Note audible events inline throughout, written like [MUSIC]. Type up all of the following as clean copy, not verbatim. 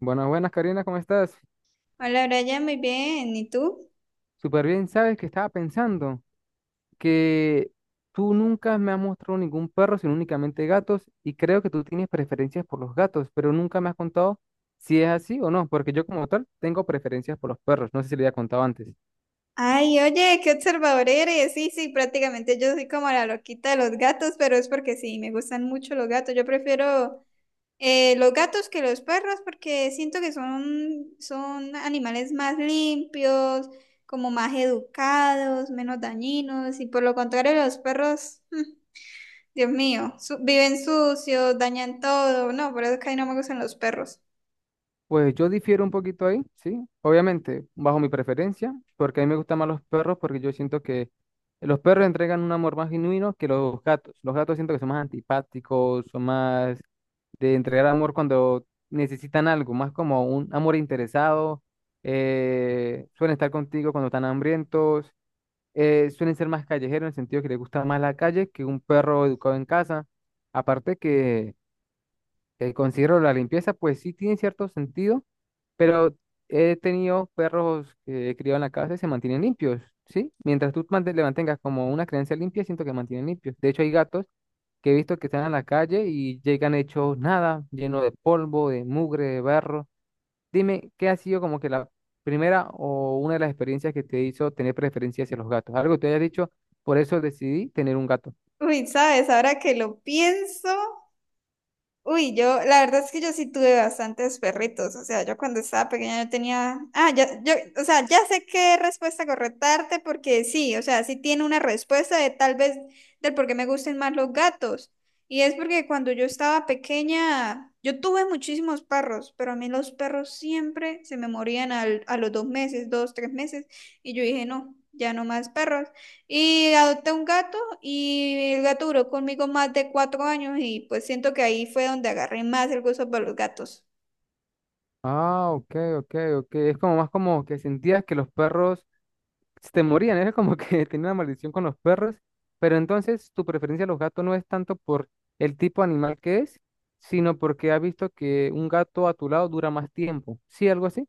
Buenas, buenas, Karina, ¿cómo estás? Hola, Brian, muy bien. ¿Y tú? Súper bien, sabes que estaba pensando que tú nunca me has mostrado ningún perro, sino únicamente gatos, y creo que tú tienes preferencias por los gatos, pero nunca me has contado si es así o no, porque yo como tal tengo preferencias por los perros, no sé si le había contado antes. Ay, oye, qué observador eres. Sí, sí, prácticamente yo soy como la loquita de los gatos, pero es porque sí, me gustan mucho los gatos. Yo prefiero los gatos que los perros porque siento que son animales más limpios, como más educados, menos dañinos. Y por lo contrario, los perros, Dios mío, viven sucios, dañan todo. No, por eso es que a mí no me gustan los perros. Pues yo difiero un poquito ahí, sí, obviamente, bajo mi preferencia, porque a mí me gustan más los perros, porque yo siento que los perros entregan un amor más genuino que los gatos. Los gatos siento que son más antipáticos, son más de entregar amor cuando necesitan algo, más como un amor interesado, suelen estar contigo cuando están hambrientos, suelen ser más callejeros en el sentido que les gusta más la calle que un perro educado en casa. Aparte que considero la limpieza, pues sí tiene cierto sentido, pero he tenido perros que he criado en la casa y se mantienen limpios, ¿sí? Mientras tú le mantengas como una creencia limpia, siento que mantienen limpios. De hecho, hay gatos que he visto que están a la calle y llegan hechos nada, lleno de polvo, de mugre, de barro. Dime, ¿qué ha sido como que la primera o una de las experiencias que te hizo tener preferencia hacia los gatos? Algo que te haya dicho, por eso decidí tener un gato. Uy, sabes, ahora que lo pienso. Uy, yo, la verdad es que yo sí tuve bastantes perritos, o sea, yo cuando estaba pequeña yo tenía, ah, ya, yo, o sea, ya sé qué respuesta correctarte porque sí, o sea, sí tiene una respuesta de tal vez del por qué me gustan más los gatos. Y es porque cuando yo estaba pequeña, yo tuve muchísimos perros, pero a mí los perros siempre se me morían al, a los 2 meses, 2, 3 meses, y yo dije, no, ya no más perros. Y adopté un gato y el gato duró conmigo más de 4 años y pues siento que ahí fue donde agarré más el gusto por los gatos. Ah, ok, ok, ok. Es como más como que sentías que los perros se te morían, era como que [LAUGHS] tenía una maldición con los perros, pero entonces tu preferencia a los gatos no es tanto por el tipo de animal que es, sino porque has visto que un gato a tu lado dura más tiempo. ¿Sí, algo así?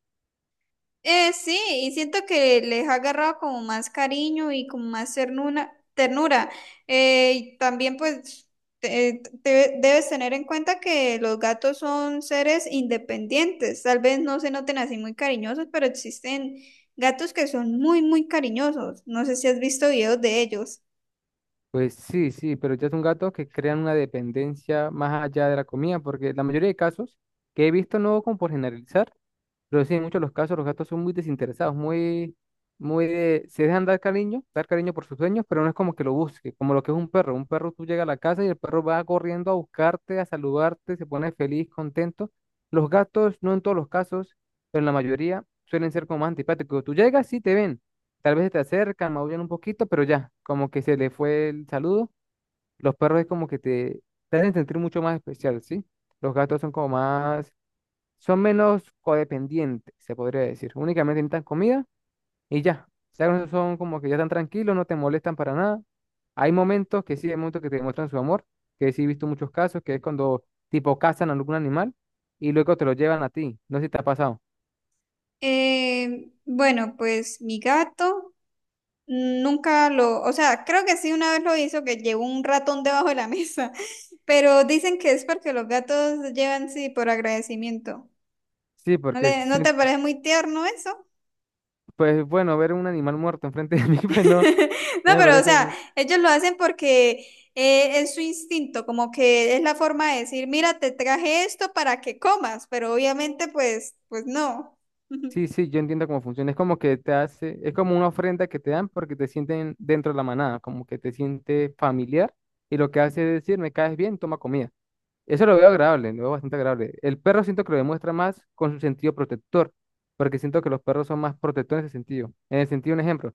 Sí, y siento que les ha agarrado como más cariño y como más ternura. Y también pues debes tener en cuenta que los gatos son seres independientes. Tal vez no se noten así muy cariñosos, pero existen gatos que son muy, muy cariñosos. No sé si has visto videos de ellos. Pues sí, sí, pero ya son gatos que crean una dependencia más allá de la comida, porque la mayoría de casos que he visto, no como por generalizar, pero sí, en muchos de los casos los gatos son muy desinteresados, muy, muy de, se dejan dar cariño por sus dueños, pero no es como que lo busque, como lo que es un perro. Un perro tú llegas a la casa y el perro va corriendo a buscarte, a saludarte, se pone feliz, contento. Los gatos, no en todos los casos, pero en la mayoría suelen ser como más antipáticos. Tú llegas, sí te ven, tal vez se te acercan, maullan un poquito, pero ya, como que se le fue el saludo. Los perros es como que te hacen sentir mucho más especial, ¿sí? Los gatos son como más son menos codependientes, se podría decir. Únicamente necesitan comida y ya. O sea, no son como que ya están tranquilos, no te molestan para nada. Hay momentos que sí, hay momentos que te demuestran su amor, que sí he visto muchos casos, que es cuando tipo cazan a algún animal y luego te lo llevan a ti. No sé si te ha pasado. Bueno, pues mi gato nunca lo, o sea, creo que sí una vez lo hizo, que llevó un ratón debajo de la mesa, [LAUGHS] pero dicen que es porque los gatos llevan sí por agradecimiento. Sí, ¿No porque le, sí, no te parece muy tierno eso? pues bueno, ver un animal muerto enfrente de mí, [LAUGHS] pues no, [LAUGHS] No, no me pero o parece. sea, ellos lo hacen porque es su instinto, como que es la forma de decir, mira, te traje esto para que comas, pero obviamente pues no. Sí, [LAUGHS] sí, yo entiendo cómo funciona. Es como que te hace, es como una ofrenda que te dan porque te sienten dentro de la manada, como que te siente familiar y lo que hace es decir, me caes bien, toma comida. Eso lo veo agradable, lo veo bastante agradable. El perro siento que lo demuestra más con su sentido protector, porque siento que los perros son más protectores en ese sentido. En el sentido, un ejemplo,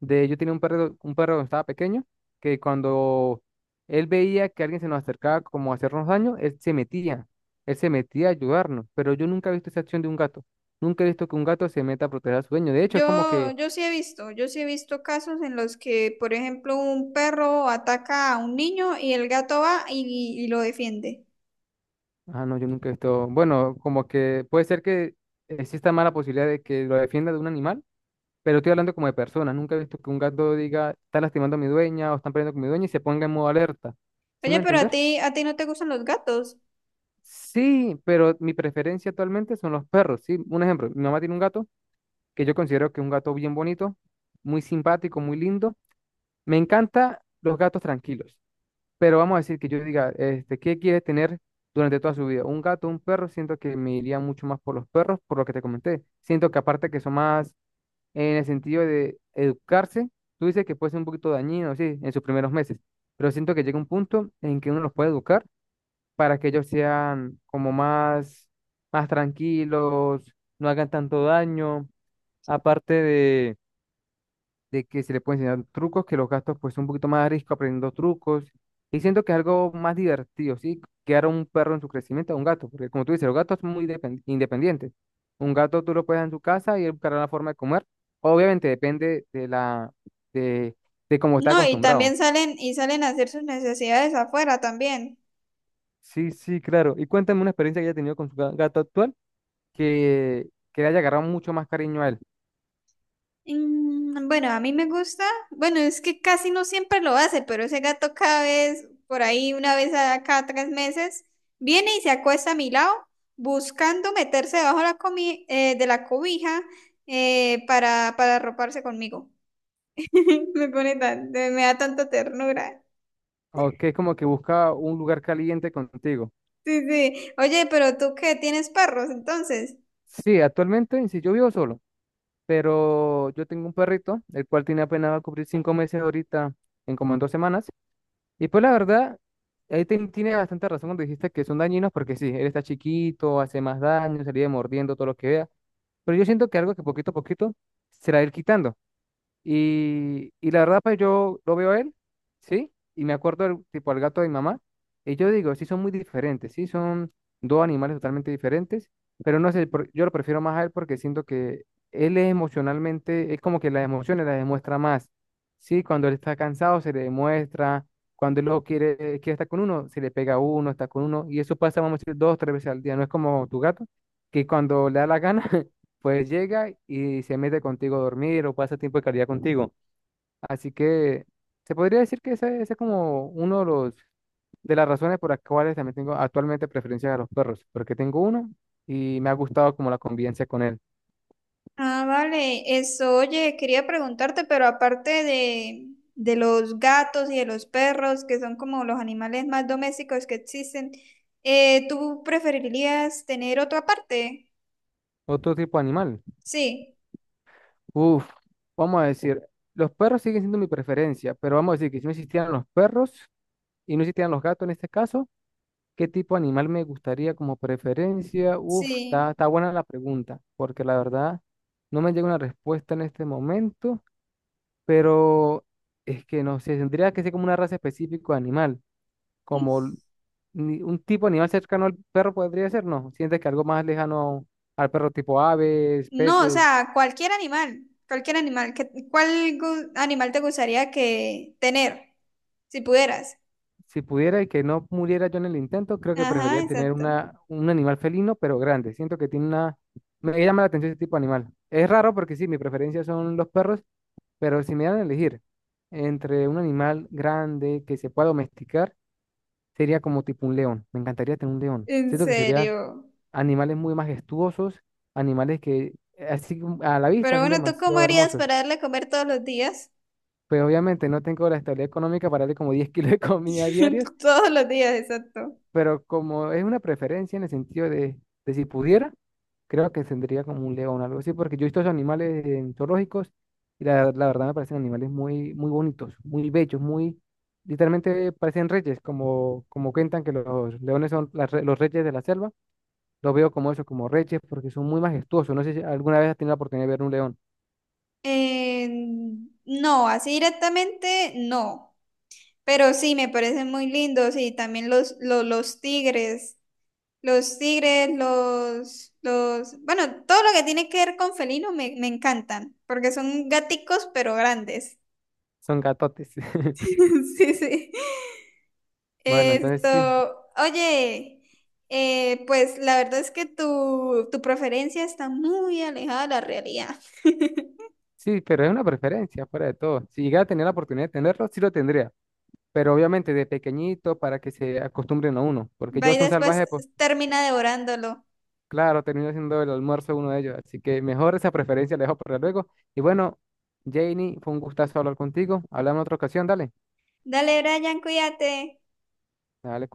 de yo tenía un perro cuando estaba pequeño, que cuando él veía que alguien se nos acercaba como a hacernos daño, él se metía a ayudarnos, pero yo nunca he visto esa acción de un gato. Nunca he visto que un gato se meta a proteger a su dueño. De hecho, es como Yo, que, yo sí he visto, casos en los que, por ejemplo, un perro ataca a un niño y el gato va y lo defiende. ah, no, yo nunca he visto, bueno, como que puede ser que exista mala posibilidad de que lo defienda de un animal. Pero estoy hablando como de personas. Nunca he visto que un gato diga, está lastimando a mi dueña o están peleando con mi dueña y se ponga en modo alerta. ¿Sí me va Oye, a pero a entender? ti, a ti no te gustan los gatos. Sí, pero mi preferencia actualmente son los perros. Sí, un ejemplo, mi mamá tiene un gato que yo considero que es un gato bien bonito, muy simpático, muy lindo. Me encanta los gatos tranquilos, pero vamos a decir que yo diga, este, ¿qué quiere tener durante toda su vida? ¿Un gato, un perro? Siento que me iría mucho más por los perros, por lo que te comenté. Siento que aparte que son más en el sentido de educarse, tú dices que puede ser un poquito dañino, sí, en sus primeros meses, pero siento que llega un punto en que uno los puede educar para que ellos sean como más, más tranquilos, no hagan tanto daño, aparte de que se le pueden enseñar trucos, que los gastos pues son un poquito más a riesgo aprendiendo trucos. Y siento que es algo más divertido, ¿sí? Criar a un perro en su crecimiento a un gato, porque como tú dices, los gatos son muy independientes. Un gato tú lo puedes dar en su casa y él buscará la forma de comer. Obviamente depende de la de, de cómo está No, y también acostumbrado. salen, y salen a hacer sus necesidades afuera también. Sí, sí, claro. Y cuéntame una experiencia que haya tenido con su gato actual, que le haya agarrado mucho más cariño a él, Bueno, a mí me gusta, bueno, es que casi no siempre lo hace, pero ese gato cada vez, por ahí una vez a cada 3 meses, viene y se acuesta a mi lado buscando meterse debajo de la, de la cobija para arroparse conmigo. [LAUGHS] Me pone tan, me da tanta ternura. o que es como que busca un lugar caliente contigo. Sí, sí. Oye, pero tú qué, ¿tienes perros entonces? Sí, actualmente, si yo vivo solo, pero yo tengo un perrito, el cual tiene apenas va a cubrir 5 meses ahorita, en como en 2 semanas. Y pues la verdad, ahí tiene bastante razón cuando dijiste que son dañinos, porque sí, él está chiquito, hace más daño, se le vive mordiendo todo lo que vea. Pero yo siento que algo que poquito a poquito se la va a ir quitando. Y la verdad, pues yo lo veo a él, ¿sí? Y me acuerdo del tipo al gato de mi mamá. Y yo digo, sí, son muy diferentes, sí, son dos animales totalmente diferentes, pero no sé, yo lo prefiero más a él porque siento que él es emocionalmente, es como que las emociones las demuestra más, ¿sí? Cuando él está cansado se le demuestra, cuando él lo quiere, quiere estar con uno, se le pega a uno, está con uno, y eso pasa, vamos a decir, dos, tres veces al día, no es como tu gato, que cuando le da la gana, [LAUGHS] pues llega y se mete contigo a dormir o pasa tiempo de calidad contigo. Así que se podría decir que ese es como uno de los de las razones por las cuales también tengo actualmente preferencia a los perros, porque tengo uno y me ha gustado como la convivencia con él. Ah, vale, eso, oye, quería preguntarte, pero aparte de los gatos y de los perros, que son como los animales más domésticos que existen, ¿tú preferirías tener otro aparte? Otro tipo de animal. Sí, Uf, vamos a decir, los perros siguen siendo mi preferencia, pero vamos a decir que si no existieran los perros y no existieran los gatos en este caso, ¿qué tipo de animal me gustaría como preferencia? Uf, está, sí. [LAUGHS] está buena la pregunta, porque la verdad no me llega una respuesta en este momento, pero es que no sé, tendría que ser como una raza específica de animal, como Mm. Un tipo de animal cercano al perro podría ser, ¿no? Sientes que algo más lejano al perro tipo aves, No, o peces. sea, cualquier animal, que, ¿cuál animal te gustaría que tener, si pudieras? Si pudiera y que no muriera yo en el intento, creo que Ajá, preferiría tener exacto. una, un animal felino, pero grande. Siento que tiene una... Me llama la atención ese tipo de animal. Es raro porque sí, mi preferencia son los perros. Pero si me dan a elegir entre un animal grande que se pueda domesticar, sería como tipo un león. Me encantaría tener un león. En Siento que serían serio. animales muy majestuosos, animales que así como a la vista Pero son bueno, ¿tú cómo demasiado harías hermosos. para darle a comer todos los días? Pero obviamente no tengo la estabilidad económica para darle como 10 [LAUGHS] kilos de comida diarias, [LAUGHS] Todos los días, exacto. pero como es una preferencia en el sentido de si pudiera, creo que tendría como un león, o algo así, porque yo he visto esos animales en zoológicos y la verdad me parecen animales muy, muy bonitos, muy bellos, muy, literalmente parecen reyes, como, como cuentan que los leones son los reyes de la selva, los veo como eso, como reyes, porque son muy majestuosos, no sé si alguna vez has tenido la oportunidad de ver un león, Eh, no, así directamente no, pero sí me parecen muy lindos y también los tigres, bueno, todo lo que tiene que ver con felinos me encantan, porque son gaticos pero grandes. son gatotes. [LAUGHS] [LAUGHS] Sí, sí. Bueno, entonces sí, Esto, oye, pues la verdad es que tu preferencia está muy alejada de la realidad. sí, pero es una preferencia, fuera de todo. Si llegara a tener la oportunidad de tenerlo, sí lo tendría. Pero obviamente de pequeñito para que se acostumbren a uno, porque Va yo y soy un después salvaje, pues termina devorándolo. claro, termino haciendo el almuerzo uno de ellos, así que mejor esa preferencia la dejo para luego. Y bueno, Janie, fue un gustazo hablar contigo, hablamos en otra ocasión, dale, Dale, Brian, cuídate. dale,